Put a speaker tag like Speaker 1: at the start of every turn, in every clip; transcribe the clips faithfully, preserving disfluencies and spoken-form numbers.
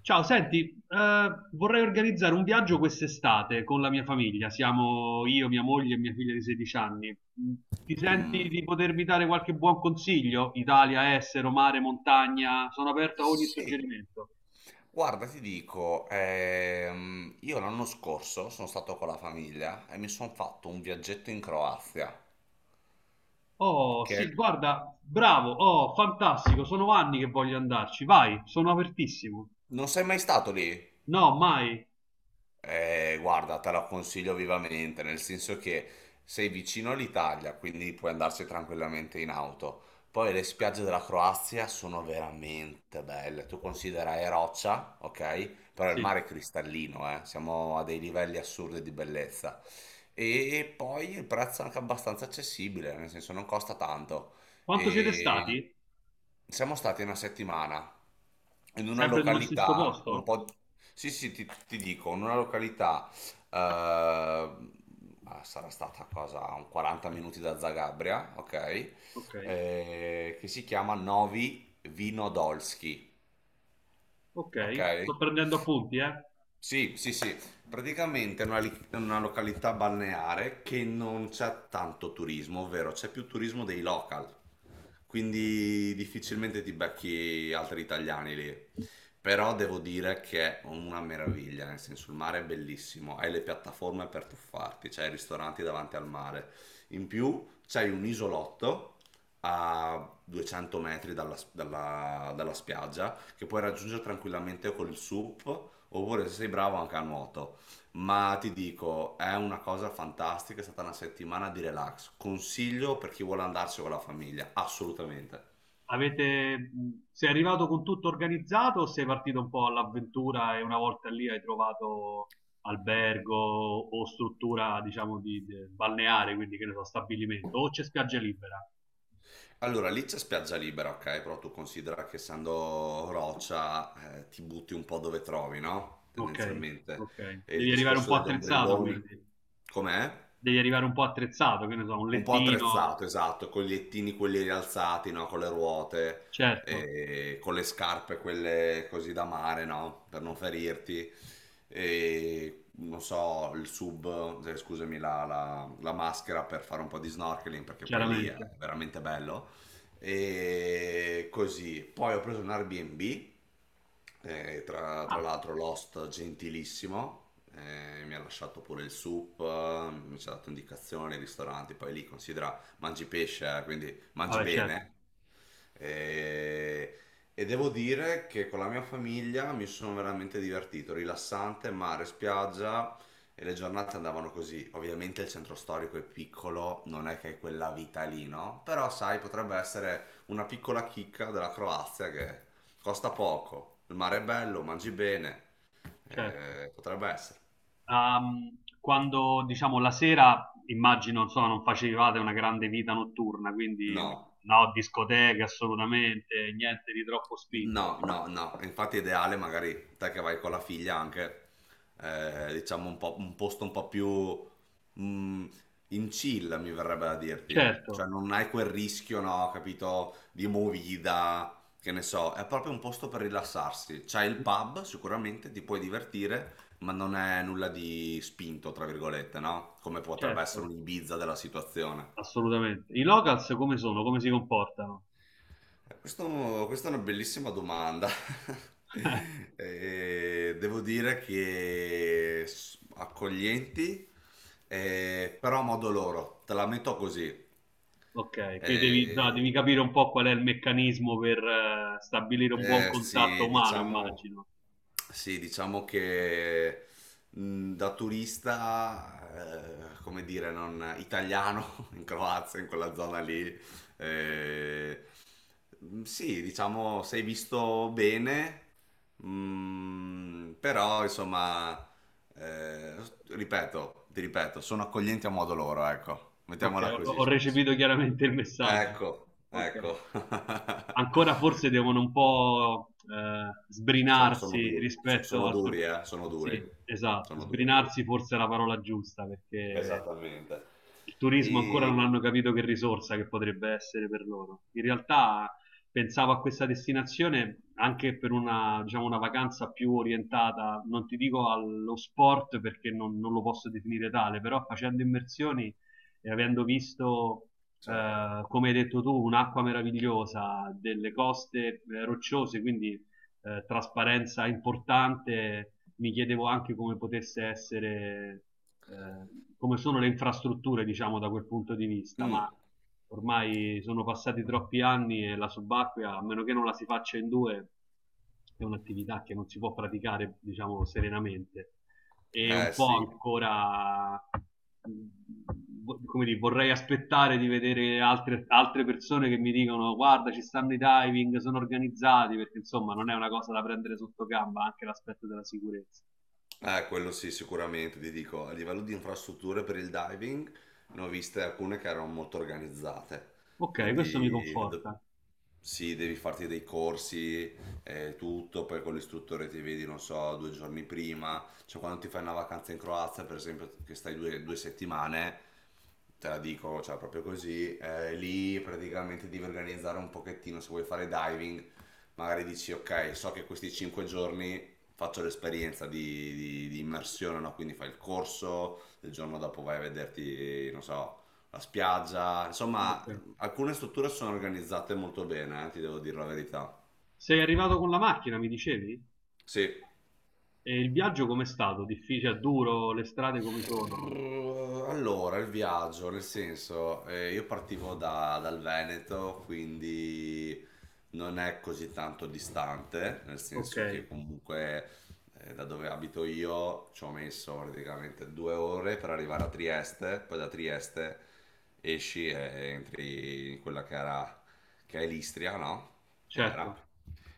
Speaker 1: Ciao, senti, eh, vorrei organizzare un viaggio quest'estate con la mia famiglia. Siamo io, mia moglie e mia figlia di sedici anni. Mm, ti senti di potermi dare qualche buon consiglio? Italia, estero, mare, montagna, sono aperto a ogni
Speaker 2: Sì,
Speaker 1: suggerimento.
Speaker 2: guarda, ti dico, ehm, io l'anno scorso sono stato con la famiglia e mi sono fatto un viaggetto in Croazia,
Speaker 1: Oh,
Speaker 2: che
Speaker 1: sì, guarda, bravo, oh, fantastico, sono anni che voglio andarci. Vai, sono apertissimo.
Speaker 2: non sei mai stato lì?
Speaker 1: No, mai.
Speaker 2: Eh, guarda, te la consiglio vivamente, nel senso che sei vicino all'Italia, quindi puoi andarci tranquillamente in auto. Poi le spiagge della Croazia sono veramente belle. Tu considera è roccia, ok? Però il
Speaker 1: Sì.
Speaker 2: mare è cristallino, eh. Siamo a dei livelli assurdi di bellezza. E poi il prezzo è anche abbastanza accessibile, nel senso non costa tanto.
Speaker 1: Quanto siete
Speaker 2: E
Speaker 1: stati?
Speaker 2: siamo stati una settimana in una
Speaker 1: Sempre nello stesso
Speaker 2: località un
Speaker 1: posto?
Speaker 2: po'... Sì, sì, ti, ti dico, in una località... eh, ah, sarà stata a cosa, a un quaranta minuti da Zagabria, ok?
Speaker 1: Ok,
Speaker 2: Eh, che si chiama Novi Vinodolski, ok?
Speaker 1: ok, sto prendendo appunti, eh.
Speaker 2: Sì, sì, sì, praticamente è una, li- è una località balneare che non c'è tanto turismo, ovvero c'è più turismo dei local, quindi difficilmente ti becchi altri italiani lì. Però devo dire che è una meraviglia, nel senso il mare è bellissimo, hai le piattaforme per tuffarti, c'hai i ristoranti davanti al mare, in più c'hai un isolotto a duecento metri dalla dalla- dalla spiaggia che puoi raggiungere tranquillamente col S U P, oppure se sei bravo anche a nuoto. Ma ti dico, è una cosa fantastica, è stata una settimana di relax. Consiglio per chi vuole andarci con la famiglia, assolutamente.
Speaker 1: Avete, mh, sei arrivato con tutto organizzato o sei partito un po' all'avventura e una volta lì hai trovato albergo o struttura, diciamo, di, di- balneare, quindi che ne so, stabilimento, o c'è spiaggia libera?
Speaker 2: Allora, lì c'è spiaggia libera, ok? Però tu considera che essendo roccia, eh, ti butti un po' dove trovi, no?
Speaker 1: Ok,
Speaker 2: Tendenzialmente.
Speaker 1: ok.
Speaker 2: E il
Speaker 1: Devi arrivare un po'
Speaker 2: discorso degli
Speaker 1: attrezzato,
Speaker 2: ombrelloni,
Speaker 1: quindi.
Speaker 2: com'è?
Speaker 1: Devi arrivare un po' attrezzato, che ne so, un
Speaker 2: Un po'
Speaker 1: lettino,
Speaker 2: attrezzato, esatto, con gli ettini quelli rialzati, no? Con le ruote,
Speaker 1: certo,
Speaker 2: e con le scarpe quelle così da mare, no? Per non ferirti. E non so, il sub, eh, scusami, la, la- la maschera per fare un po' di snorkeling, perché poi lì è
Speaker 1: chiaramente.
Speaker 2: veramente bello. E così. Poi ho preso un Airbnb eh, tra tra
Speaker 1: Ah,
Speaker 2: l'altro Lost gentilissimo, eh, mi ha lasciato pure il soup, eh, mi ci ha dato indicazioni, ristoranti, poi lì considera mangi pesce, eh, quindi mangi
Speaker 1: vabbè,
Speaker 2: bene,
Speaker 1: certo,
Speaker 2: e, e devo dire che con la mia famiglia mi sono veramente divertito, rilassante, mare, spiaggia e le giornate andavano così. Ovviamente il centro storico è piccolo, non è che è quella vita lì, no? Però sai, potrebbe essere una piccola chicca della Croazia che costa poco, il mare è bello, mangi bene,
Speaker 1: certo.
Speaker 2: eh, potrebbe essere.
Speaker 1: Ehm, quando diciamo la sera, immagino, insomma, non facevate una grande vita notturna, quindi
Speaker 2: No.
Speaker 1: no, discoteche assolutamente, niente di troppo
Speaker 2: No,
Speaker 1: spinto.
Speaker 2: no, no, infatti è ideale magari te che vai con la figlia anche, eh, diciamo un po', un posto un po' più mm, in chill, mi verrebbe da dirti.
Speaker 1: Certo,
Speaker 2: Cioè non hai quel rischio, no, capito, di movida, che ne so, è proprio un posto per rilassarsi. C'hai il pub, sicuramente ti puoi divertire, ma non è nulla di spinto, tra virgolette, no? Come potrebbe essere
Speaker 1: certo,
Speaker 2: un Ibiza della situazione.
Speaker 1: assolutamente. I locals come sono? Come si comportano?
Speaker 2: Eh, Questo- questa è una bellissima domanda.
Speaker 1: Eh,
Speaker 2: Eh, devo dire che s- accoglienti, eh, però a modo loro, te la metto così.
Speaker 1: ok, quindi devi, no,
Speaker 2: Eh,
Speaker 1: devi capire un po' qual è il meccanismo per eh, stabilire un buon
Speaker 2: eh,
Speaker 1: contatto
Speaker 2: sì,
Speaker 1: umano,
Speaker 2: diciamo,
Speaker 1: immagino.
Speaker 2: sì, diciamo che mh, da turista, eh, come dire, non italiano in Croazia, in quella zona lì, eh, mh, sì, diciamo sei visto bene, mh, però insomma, eh, ripeto, ti ripeto, sono accoglienti a modo loro, ecco,
Speaker 1: Ok,
Speaker 2: mettiamola
Speaker 1: ho,
Speaker 2: così.
Speaker 1: ho recepito chiaramente il messaggio.
Speaker 2: Ecco,
Speaker 1: Ok,
Speaker 2: ecco.
Speaker 1: ancora forse devono un po' eh,
Speaker 2: Sono, sono
Speaker 1: sbrinarsi
Speaker 2: duri, so-
Speaker 1: rispetto
Speaker 2: sono
Speaker 1: al...
Speaker 2: duri, eh, sono duri,
Speaker 1: Sì, esatto,
Speaker 2: sono duri.
Speaker 1: sbrinarsi forse è la parola giusta perché
Speaker 2: Esattamente.
Speaker 1: il turismo ancora non
Speaker 2: E...
Speaker 1: hanno capito che risorsa che potrebbe essere per loro. In realtà pensavo a questa destinazione anche per una, diciamo, una vacanza più orientata, non ti dico allo sport perché non, non lo posso definire tale, però facendo immersioni e avendo visto,
Speaker 2: Certo.
Speaker 1: eh, come hai detto tu, un'acqua meravigliosa, delle coste eh, rocciose, quindi eh, trasparenza importante, mi chiedevo anche come potesse essere, eh, come sono le infrastrutture, diciamo, da quel punto di vista, ma
Speaker 2: Mm,
Speaker 1: ormai sono passati troppi anni e la subacquea, a meno che non la si faccia in due, è un'attività che non si può praticare, diciamo, serenamente. E
Speaker 2: eh
Speaker 1: un po'
Speaker 2: sì.
Speaker 1: ancora, vo- come dire, vorrei aspettare di vedere altre, altre persone che mi dicono guarda, ci stanno i diving, sono organizzati, perché insomma non è una cosa da prendere sotto gamba, anche l'aspetto della sicurezza.
Speaker 2: Eh, quello sì, sicuramente, ti dico, a livello di infrastrutture per il diving ne ho viste alcune che erano molto organizzate,
Speaker 1: Ok, questo mi
Speaker 2: quindi do-
Speaker 1: conforta.
Speaker 2: sì, devi farti dei corsi e tutto, poi con l'istruttore ti vedi, non so, due giorni prima, cioè quando ti fai una vacanza in Croazia, per esempio, che stai due, due settimane, te la dico, cioè proprio così, eh, lì praticamente devi organizzare un pochettino, se vuoi fare diving, magari dici, ok, so che questi cinque giorni faccio l'esperienza di, di- di immersione, no? Quindi fai il corso, il giorno dopo vai a vederti, non so, la spiaggia.
Speaker 1: Ok.
Speaker 2: Insomma, alcune strutture sono organizzate molto bene, eh, ti devo dire la verità.
Speaker 1: Sei arrivato con la macchina, mi dicevi?
Speaker 2: Sì.
Speaker 1: E il viaggio com'è stato? Difficile, duro, le strade come sono?
Speaker 2: Allora, il viaggio, nel senso, eh, io partivo da- dal Veneto, quindi non è così tanto distante, nel
Speaker 1: Ok,
Speaker 2: senso che comunque eh, da dove abito io ci ho messo praticamente due ore per arrivare a Trieste, poi da Trieste esci e entri in quella che era, che è l'Istria, no? Che era.
Speaker 1: certo.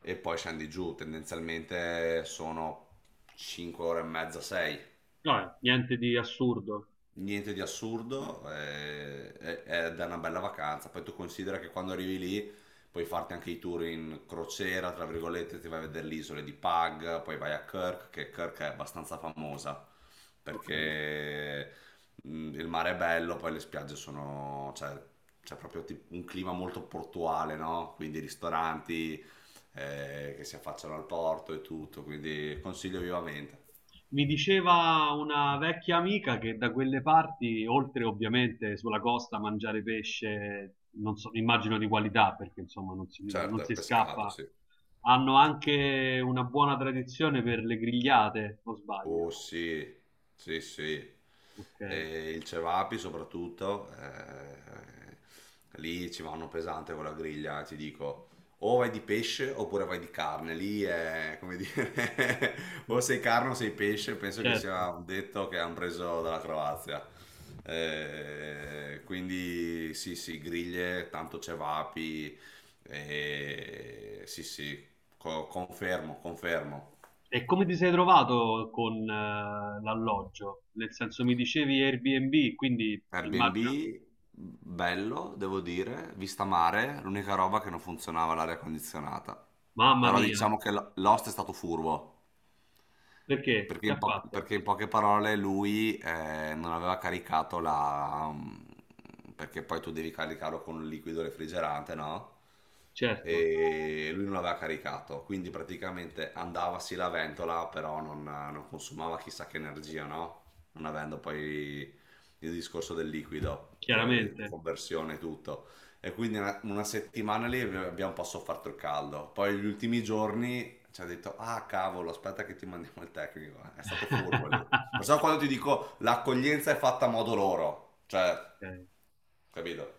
Speaker 2: E poi scendi giù, tendenzialmente sono cinque ore e mezza, sei
Speaker 1: Vabbè, niente di assurdo.
Speaker 2: niente di assurdo, eh, è, è da una bella vacanza. Poi tu considera che quando arrivi lì puoi farti anche i tour in crociera, tra virgolette, ti vai a vedere le isole di Pag, poi vai a Kirk, che Kirk è abbastanza famosa
Speaker 1: Ok.
Speaker 2: perché mh, il mare è bello, poi le spiagge sono, cioè, c'è proprio tip- un clima molto portuale, no? Quindi ristoranti eh, che si affacciano al porto e tutto, quindi consiglio vivamente.
Speaker 1: Mi diceva una vecchia amica che da quelle parti, oltre ovviamente sulla costa, mangiare pesce, non so, immagino di qualità, perché insomma non si, non
Speaker 2: Certo, è
Speaker 1: si
Speaker 2: pescato,
Speaker 1: scappa,
Speaker 2: sì.
Speaker 1: hanno anche una buona tradizione per le grigliate, o sbaglio.
Speaker 2: Oh sì, sì, sì.
Speaker 1: Ok.
Speaker 2: Eh, il cevapi soprattutto, eh, lì ci vanno pesante con la griglia, ti dico. O vai di pesce oppure vai di carne, lì è come dire, o sei carne o sei pesce, penso che
Speaker 1: Certo.
Speaker 2: sia un detto che hanno preso dalla Croazia. Eh, quindi sì, sì, griglie, tanto cevapi, eh, sì, sì, co- confermo, confermo.
Speaker 1: E come ti sei trovato con eh, l'alloggio? Nel senso mi dicevi Airbnb, quindi
Speaker 2: Airbnb,
Speaker 1: immagino,
Speaker 2: bello, devo dire, vista mare, l'unica roba che non funzionava l'area condizionata.
Speaker 1: mamma
Speaker 2: Però
Speaker 1: mia,
Speaker 2: diciamo che l- l'host è stato furbo.
Speaker 1: perché?
Speaker 2: Perché
Speaker 1: Che
Speaker 2: in,
Speaker 1: ha
Speaker 2: po-
Speaker 1: fatto?
Speaker 2: perché in poche parole lui eh, non aveva caricato la... mm, perché poi tu devi caricarlo con un liquido refrigerante, no?
Speaker 1: Certo,
Speaker 2: E lui non l'aveva caricato, quindi praticamente andava sì la ventola, però non, non consumava chissà che energia, no? Non avendo poi il discorso del liquido, che
Speaker 1: chiaramente.
Speaker 2: conversione e tutto. E quindi una, una settimana lì abbiamo un po' sofferto il caldo. Poi gli ultimi giorni ci ha detto, ah cavolo, aspetta che ti mandiamo il tecnico. È stato furbo lì. Lo so quando ti dico, l'accoglienza è fatta a modo loro. Cioè,
Speaker 1: Ok.
Speaker 2: capito?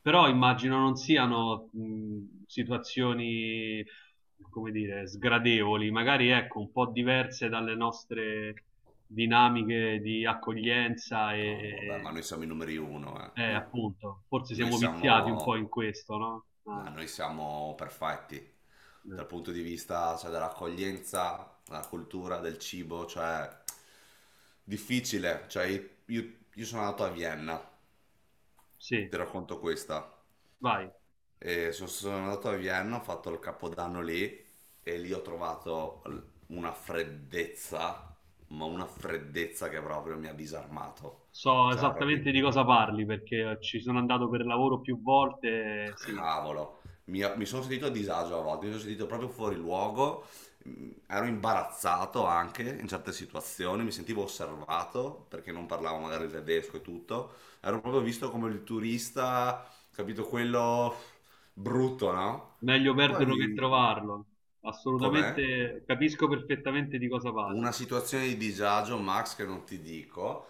Speaker 1: Però immagino non siano mh, situazioni, come dire, sgradevoli, magari ecco, un po' diverse dalle nostre dinamiche di accoglienza
Speaker 2: No, vabbè, ma
Speaker 1: e,
Speaker 2: noi siamo i numeri uno,
Speaker 1: eh,
Speaker 2: eh.
Speaker 1: appunto, forse
Speaker 2: Noi
Speaker 1: siamo viziati un po'
Speaker 2: siamo,
Speaker 1: in questo, no?
Speaker 2: ma
Speaker 1: Anche.
Speaker 2: noi siamo perfetti.
Speaker 1: Eh,
Speaker 2: Dal punto di vista, cioè, dell'accoglienza, della cultura, del cibo, cioè, difficile. Cioè, io, io sono andato a Vienna,
Speaker 1: Sì,
Speaker 2: ti racconto questa.
Speaker 1: vai.
Speaker 2: E sono, sono andato a Vienna, ho fatto il capodanno lì e lì ho trovato l- una freddezza, ma una freddezza che proprio mi ha disarmato.
Speaker 1: So
Speaker 2: Cioè, proprio,
Speaker 1: esattamente di cosa parli perché ci sono andato per lavoro più volte, eh, sì,
Speaker 2: cavolo, mi, mi sono sentito a disagio a volte, mi sono sentito proprio fuori luogo, mm, ero imbarazzato anche in certe situazioni, mi sentivo osservato perché non parlavo magari il tedesco e tutto, ero proprio visto come il turista, capito, quello brutto, no?
Speaker 1: meglio perderlo che
Speaker 2: Poi,
Speaker 1: trovarlo.
Speaker 2: com'è?
Speaker 1: Assolutamente, capisco perfettamente di cosa parli,
Speaker 2: Una situazione di disagio, Max, che non ti dico.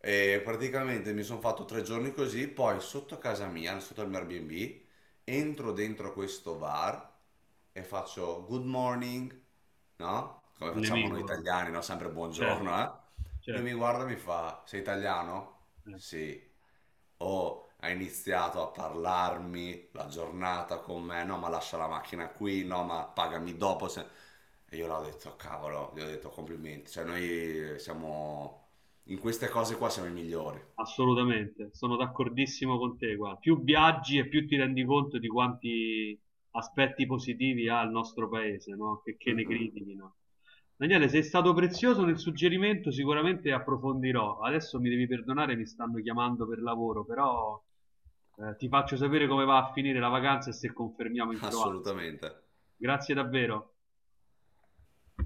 Speaker 2: E praticamente mi sono fatto tre giorni così, poi sotto casa mia, sotto il mio Airbnb, entro dentro questo bar e faccio good morning, no? Come
Speaker 1: il
Speaker 2: facciamo
Speaker 1: nemico,
Speaker 2: noi
Speaker 1: proprio.
Speaker 2: italiani, no? Sempre
Speaker 1: Certo,
Speaker 2: buongiorno, eh? Lui mi
Speaker 1: certo.
Speaker 2: guarda e mi fa, sei italiano?
Speaker 1: Eh.
Speaker 2: Sì. Oh, ha iniziato a parlarmi la giornata con me, no, ma lascia la macchina qui, no, ma pagami dopo. Se- e io l'ho detto, cavolo, gli ho detto complimenti. Cioè, noi siamo in queste cose qua siamo i migliori.
Speaker 1: Assolutamente, sono d'accordissimo con te, guarda. Più viaggi e più ti rendi conto di quanti aspetti positivi ha il nostro paese, no? Che, che
Speaker 2: Mm,
Speaker 1: ne
Speaker 2: mm.
Speaker 1: critichino. Daniele, sei stato prezioso nel suggerimento, sicuramente approfondirò. Adesso mi devi perdonare, mi stanno chiamando per lavoro, però eh, ti faccio sapere come va a finire la vacanza e se confermiamo in Croazia.
Speaker 2: Assolutamente.
Speaker 1: Grazie davvero.